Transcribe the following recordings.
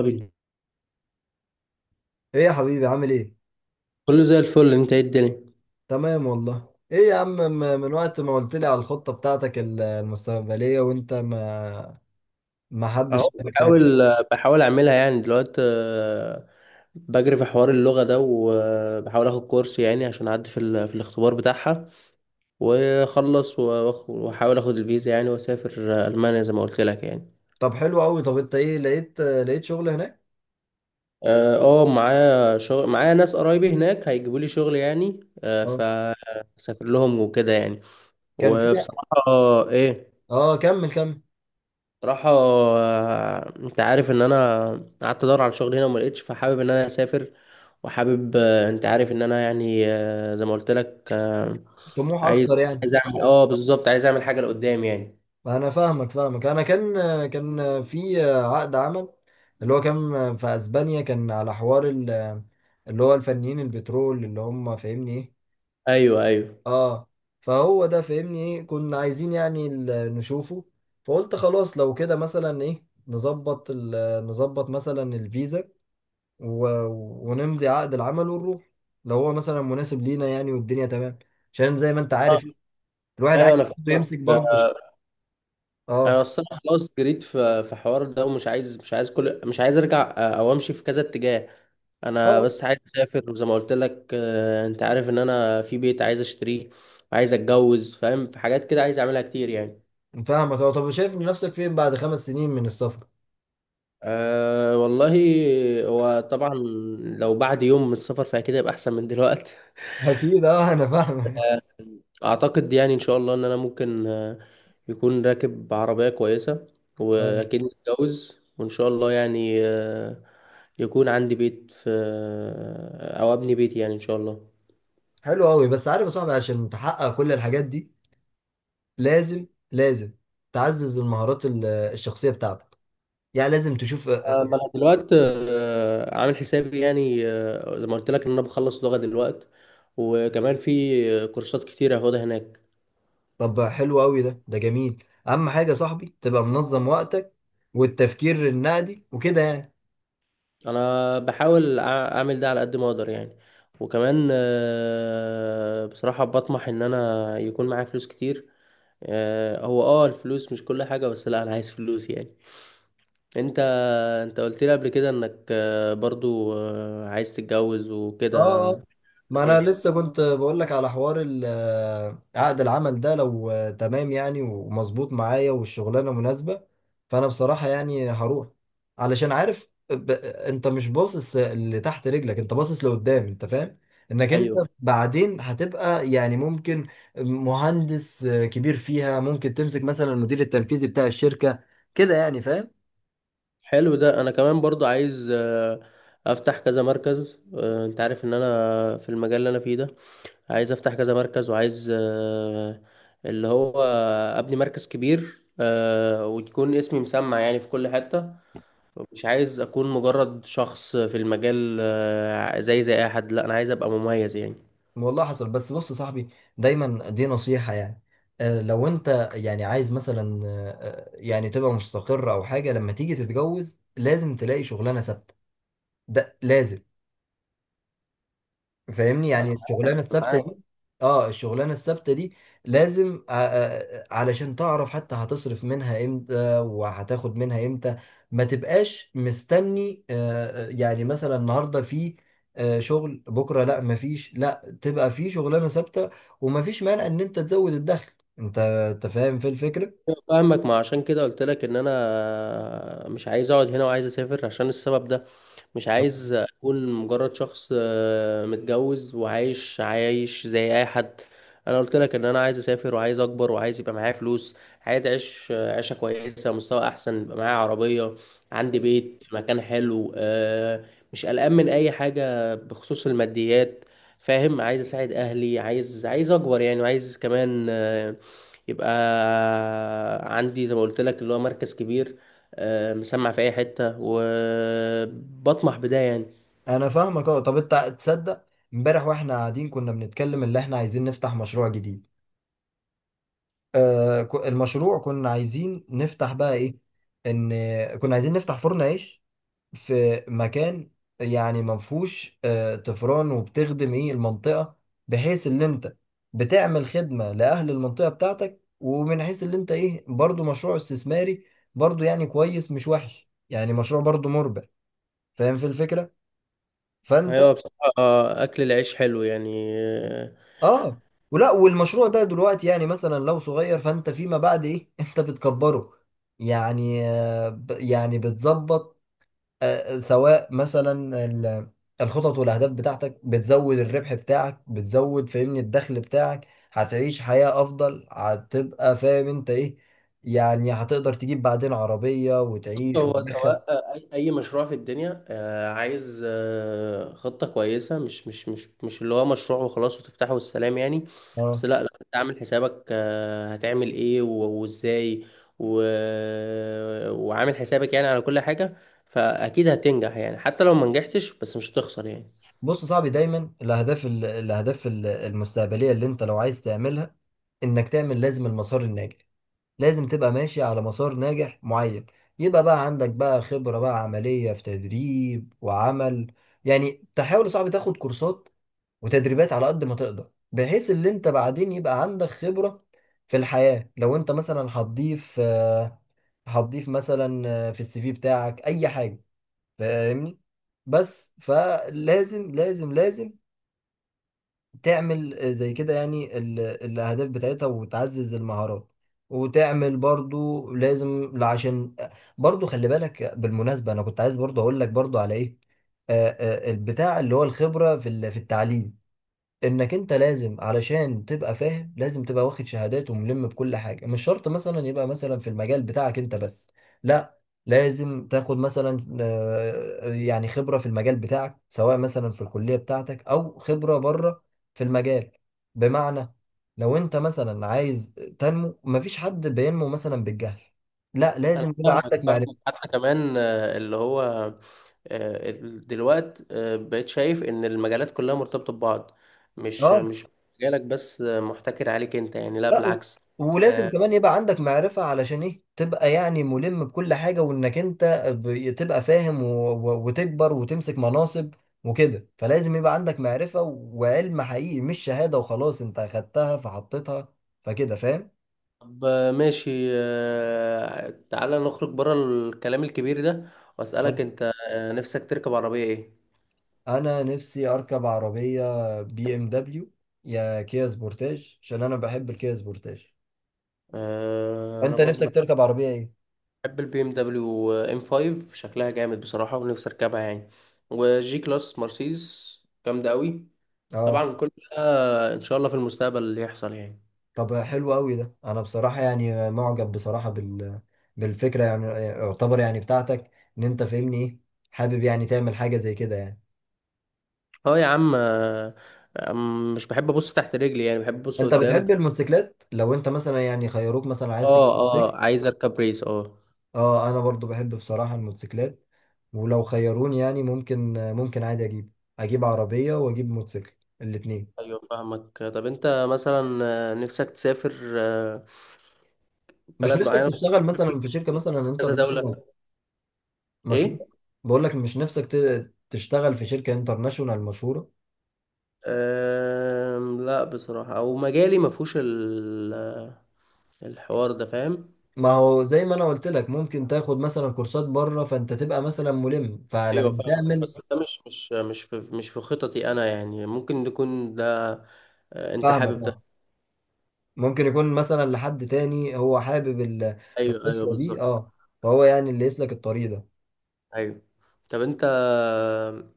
طبيعي. ايه يا حبيبي عامل ايه؟ كله زي الفل، انت ايه الدنيا؟ تمام والله. ايه يا عم، من وقت ما قلت لي على الخطة بتاعتك المستقبلية، وانت ما اهو حدش شافك تاني. بحاول اعملها يعني دلوقتي. بجري في حوار اللغة ده وبحاول اخد كورس يعني عشان اعدي في الاختبار بتاعها، واخلص واحاول اخد الفيزا يعني واسافر المانيا زي ما قلت لك يعني. طب حلو قوي. طب انت ايه لقيت شغل هناك؟ اه، معايا شغل، معايا ناس قرايبي هناك هيجيبوا لي شغل يعني، اه. فسافر لهم وكده يعني. كان في. وبصراحة، ايه، اه كمل كمل. صراحة، انت عارف ان انا قعدت ادور على شغل هنا وما لقيتش، فحابب ان انا اسافر. وحابب، انت عارف ان انا يعني، زي ما قلت لك، طموح اكتر عايز يعني عايز اعمل، اه بالظبط، عايز اعمل حاجة لقدام يعني. انا فاهمك. انا كان في عقد عمل، اللي هو كان في اسبانيا، كان على حوار اللي هو الفنيين البترول، اللي هم فاهمني ايه؟ ايوه، ايوه اه. فهو ده فاهمني ايه كنا عايزين يعني نشوفه. فقلت خلاص لو كده مثلا ايه نظبط نظبط مثلا الفيزا، و... ونمضي عقد العمل ونروح، لو هو مثلا مناسب لينا يعني والدنيا تمام. عشان زي ما انت آه، عارف الواحد ايوه عايز انا برضه فاهمك يمسك برضه آه، انا اه. اصلا خلاص جريت في في حوار ده، ومش عايز مش عايز كل مش عايز ارجع، او امشي في كذا اتجاه. انا اه بس عايز اسافر، وزي ما قلت لك، انت عارف ان انا في بيت عايز اشتريه، عايز اتجوز، فاهم، في حاجات كده عايز اعملها كتير يعني. فاهمك. اه طب شايف نفسك فين بعد 5 سنين من السفر؟ أه والله، هو طبعا لو بعد يوم من السفر فأكيد هيبقى أحسن من دلوقتي. اكيد اه انا فاهمك. أعتقد يعني إن شاء الله إن أنا ممكن، يكون راكب عربية كويسة، اه وأكيد متجوز، وإن شاء الله يعني، يكون عندي بيت في آه، أو أبني بيتي يعني إن شاء الله. حلو قوي. بس عارف يا صاحبي، عشان تحقق كل الحاجات دي لازم لازم تعزز المهارات الشخصيه بتاعتك. يعني لازم تشوف ما أنا دلوقتي، عامل حسابي يعني، زي ما قلت لك إن أنا بخلص لغة دلوقتي، وكمان في كورسات كتير هاخدها هناك. طب حلو قوي. ده جميل. اهم حاجه يا صاحبي تبقى منظم وقتك والتفكير النقدي وكده يعني. انا بحاول اعمل ده على قد ما اقدر يعني، وكمان، بصراحة بطمح ان انا يكون معايا فلوس كتير. هو اه الفلوس مش كل حاجة، بس لا انا عايز فلوس يعني. انت انت قلت لي قبل كده انك، برضو، عايز تتجوز وكده، اه اه. ما انا لسه كنت بقول لك على حوار عقد العمل ده، لو تمام يعني ومظبوط معايا والشغلانه مناسبه، فانا بصراحه يعني هروح، علشان عارف انت مش باصص اللي تحت رجلك، انت باصص لقدام. انت فاهم انك انت ايوه. بعدين هتبقى يعني ممكن مهندس كبير فيها، ممكن تمسك مثلا المدير التنفيذي بتاع الشركه، كده يعني فاهم. حلو ده، انا كمان برضو عايز، افتح كذا مركز. انت عارف ان انا في المجال اللي انا فيه ده عايز افتح كذا مركز، وعايز، اللي هو ابني مركز كبير، ويكون اسمي مسمع يعني في كل حتة. مش عايز اكون مجرد شخص في المجال، زي اي حد، لا انا عايز ابقى مميز يعني. والله حصل. بس بص يا صاحبي، دايما دي نصيحة يعني. لو انت يعني عايز مثلا يعني تبقى مستقر او حاجة، لما تيجي تتجوز لازم تلاقي شغلانة ثابتة. ده لازم. فاهمني؟ أنا يعني الشغلانه الثابته معاك. دي، اه الشغلانه الثابته دي لازم علشان تعرف حتى هتصرف منها امتى وهتاخد منها امتى. ما تبقاش مستني يعني مثلا النهارده في شغل بكره لا مفيش، لا تبقى في شغلانه ثابته. ومفيش مانع ان انت تزود الدخل. انت فاهم في الفكره. أيوة فاهمك، ما عشان كده قلت لك ان انا مش عايز اقعد هنا، وعايز اسافر عشان السبب ده. مش عايز اكون مجرد شخص، متجوز وعايش زي اي حد. انا قلت لك ان انا عايز اسافر، وعايز اكبر، وعايز يبقى معايا فلوس، عايز اعيش، عيشه كويسه، مستوى احسن، يبقى معايا عربيه، عندي بيت، مكان حلو، مش قلقان من اي حاجه بخصوص الماديات. فاهم، عايز اساعد اهلي، عايز اكبر يعني، وعايز كمان، يبقى عندي زي ما قلت لك اللي هو مركز كبير، مسمع في اي حتة، وبطمح بده يعني. انا فاهمك. اه طب انت تصدق، امبارح واحنا قاعدين كنا بنتكلم اللي احنا عايزين نفتح مشروع جديد. المشروع كنا عايزين نفتح بقى ايه، ان كنا عايزين نفتح فرن عيش في مكان، يعني ما فيهوش طفران، وبتخدم ايه المنطقة، بحيث ان انت بتعمل خدمة لأهل المنطقة بتاعتك، ومن حيث ان انت ايه برضو مشروع استثماري، برضو يعني كويس مش وحش يعني مشروع برضو مربح. فاهم في الفكرة؟ فانت ايوه بصراحة، اكل العيش حلو يعني. اه. ولا والمشروع ده دلوقتي يعني مثلا لو صغير، فانت فيما بعد ايه انت بتكبره يعني. يعني بتظبط سواء مثلا الخطط والاهداف بتاعتك، بتزود الربح بتاعك، بتزود فاهمني الدخل بتاعك، هتعيش حياة افضل. هتبقى فاهم انت ايه يعني، هتقدر تجيب بعدين عربية وتعيش هو وتدخل. سواء، أي مشروع في الدنيا، عايز، خطة كويسة، مش اللي هو مشروع وخلاص وتفتحه والسلام يعني. بس اه. لا، لا انت عامل حسابك، هتعمل ايه وازاي، و... وعامل حسابك يعني على كل حاجة، فاكيد هتنجح يعني حتى لو ما نجحتش، بس مش هتخسر يعني. بص يا صاحبي، دايما الاهداف المستقبلية، اللي انت لو عايز تعملها، انك تعمل لازم المسار الناجح، لازم تبقى ماشي على مسار ناجح معين، يبقى بقى عندك بقى خبرة بقى عملية في تدريب وعمل. يعني تحاول يا صاحبي تاخد كورسات وتدريبات على قد ما تقدر، بحيث اللي انت بعدين يبقى عندك خبرة في الحياة. لو انت مثلا هتضيف مثلا في السي في بتاعك اي حاجة، فاهمني؟ بس فلازم لازم تعمل زي كده يعني الأهداف بتاعتها وتعزز المهارات. وتعمل برضو لازم عشان برضو، خلي بالك بالمناسبة، أنا كنت عايز برضو أقول لك برضو على إيه، البتاع اللي هو الخبرة في التعليم، انك انت لازم علشان تبقى فاهم، لازم تبقى واخد شهادات وملم بكل حاجه، مش شرط مثلا يبقى مثلا في المجال بتاعك انت بس، لا لازم تاخد مثلا يعني خبره في المجال بتاعك، سواء مثلا في الكليه بتاعتك او خبره بره في المجال، بمعنى لو انت مثلا عايز تنمو، مفيش حد بينمو مثلا بالجهل، لا انا لازم يبقى فاهمك عندك فاهمك، معرفه. حتى كمان، اللي هو، دلوقت، بقيت شايف ان المجالات كلها مرتبطة ببعض، مش اه. مش مجالك بس، محتكر عليك انت يعني، لا لا بالعكس ولازم آه، كمان يبقى عندك معرفة، علشان ايه؟ تبقى يعني ملم بكل حاجة، وانك انت تبقى فاهم وتكبر وتمسك مناصب وكده. فلازم يبقى عندك معرفة وعلم حقيقي، مش شهادة وخلاص انت اخدتها فحطيتها، فكده فاهم. طب، ماشي، تعالى نخرج بره الكلام الكبير ده، آه. واسألك انت، نفسك تركب عربية ايه؟ انا نفسي اركب عربية BMW، يا كيا سبورتاج، عشان انا بحب الكيا سبورتاج. انا فانت برضو نفسك تركب عربية ايه؟ بحب البي ام دبليو ام 5، شكلها جامد بصراحة، ونفسي اركبها يعني، وجي كلاس مرسيدس، جامدة قوي. اه. طبعا كل ده ان شاء الله في المستقبل اللي يحصل يعني. طب حلو قوي. ده انا بصراحه يعني معجب بصراحه بالفكره يعني، يعتبر يعني بتاعتك، ان انت فاهمني ايه، حابب يعني تعمل حاجه زي كده يعني. اه يا عم، مش بحب ابص تحت رجلي يعني، بحب ابص انت قدام. بتحب الموتوسيكلات؟ لو انت مثلا يعني خيروك مثلا عايز اه، تجيب موتوسيكل؟ اه، عايز اركب ريس، اه. اه. انا برضو بحب بصراحه الموتوسيكلات، ولو خيروني يعني ممكن، ممكن عادي اجيب عربيه واجيب موتوسيكل الاثنين. ايوه فاهمك، طب انت مثلا، نفسك تسافر آه، مش بلد نفسك معينه، تشتغل مثلا في شركه مثلا كذا دوله، انترناشونال مشهوره؟ ايه. بقول لك مش نفسك تشتغل في شركه انترناشونال مشهوره؟ لا بصراحه، او مجالي ما فيهوش الحوار ده، فاهم. ما هو زي ما انا قلت لك ممكن تاخد مثلا كورسات بره، فانت تبقى مثلا ملم، ايوه فلما فاهمك، تعمل. بس ده مش في خططي انا يعني، ممكن تكون ده، انت فاهمك حابب ده. اه. ممكن يكون مثلا لحد تاني هو حابب ايوه، ايوه، القصه دي. بالظبط، اه فهو يعني اللي يسلك الطريق ده. ايوه. طب انت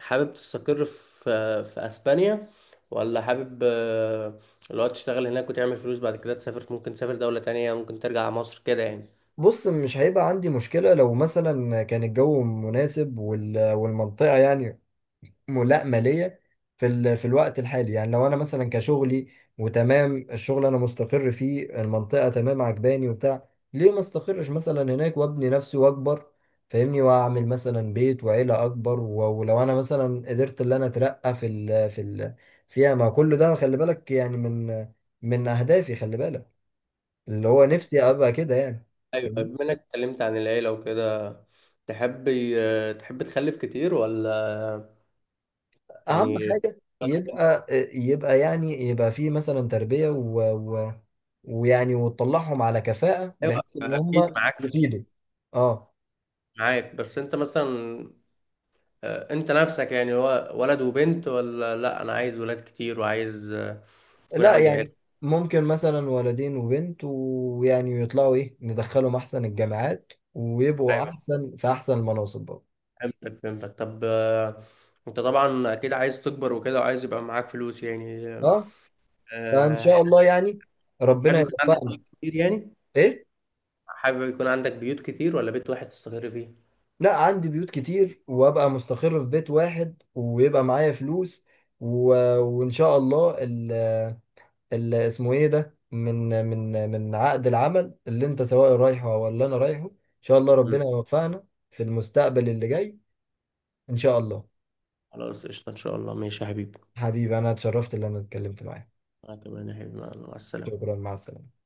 حابب تستقر في في اسبانيا ولا حابب، اللي هو تشتغل هناك وتعمل فلوس بعد كده تسافر، ممكن تسافر دولة تانية، ممكن ترجع على مصر كده يعني. بص مش هيبقى عندي مشكله، لو مثلا كان الجو مناسب والمنطقه يعني ملائمة ليا في الوقت الحالي. يعني لو انا مثلا كشغلي وتمام الشغل انا مستقر فيه، المنطقة تمام عجباني وبتاع، ليه ما استقرش مثلا هناك وابني نفسي واكبر، فاهمني، واعمل مثلا بيت وعيلة اكبر، ولو انا مثلا قدرت ان انا اترقى فيها، ما كل ده خلي بالك يعني من اهدافي، خلي بالك، اللي هو طب نفسي ابقى كده يعني. ايوه، فاهمني؟ بما انك اتكلمت عن العيلة وكده، تحب تحب تخلف كتير ولا اهم يعني؟ حاجة يبقى، يبقى يعني يبقى فيه مثلا تربية ويعني وتطلعهم على كفاءة ايوه بحيث ان اكيد هم معاك في دي، يفيدوا. اه. معاك. بس انت مثلا، انت نفسك يعني هو ولد وبنت ولا، لا انا عايز ولاد كتير، وعايز، يكون لا عندي يعني ممكن مثلا ولدين وبنت، ويعني يطلعوا ايه ندخلهم احسن الجامعات ويبقوا عيلة. احسن في احسن المناصب برضه. فهمتك فهمتك، طب، انت طبعا اكيد عايز تكبر وكده، وعايز يبقى معاك فلوس يعني اه. فان آه، شاء الله يعني حابب ربنا يكون عندك يوفقنا. بيوت كتير يعني؟ ايه؟ حابب يكون عندك بيوت كتير ولا بيت واحد تستقر فيه؟ لا عندي بيوت كتير، وابقى مستقر في بيت واحد ويبقى معايا فلوس، و... وان شاء الله اسمه ايه ده، من عقد العمل اللي انت سواء رايحه ولا انا رايحه، ان شاء الله مم. ربنا يوفقنا في المستقبل اللي جاي ان شاء الله. خلاص قشطة ان شاء الله، ماشي يا حبيبي. حبيبي انا اتشرفت ان انا اتكلمت معاك. انا كمان يا حبيبي، مع السلامة. شكرا مع السلامه.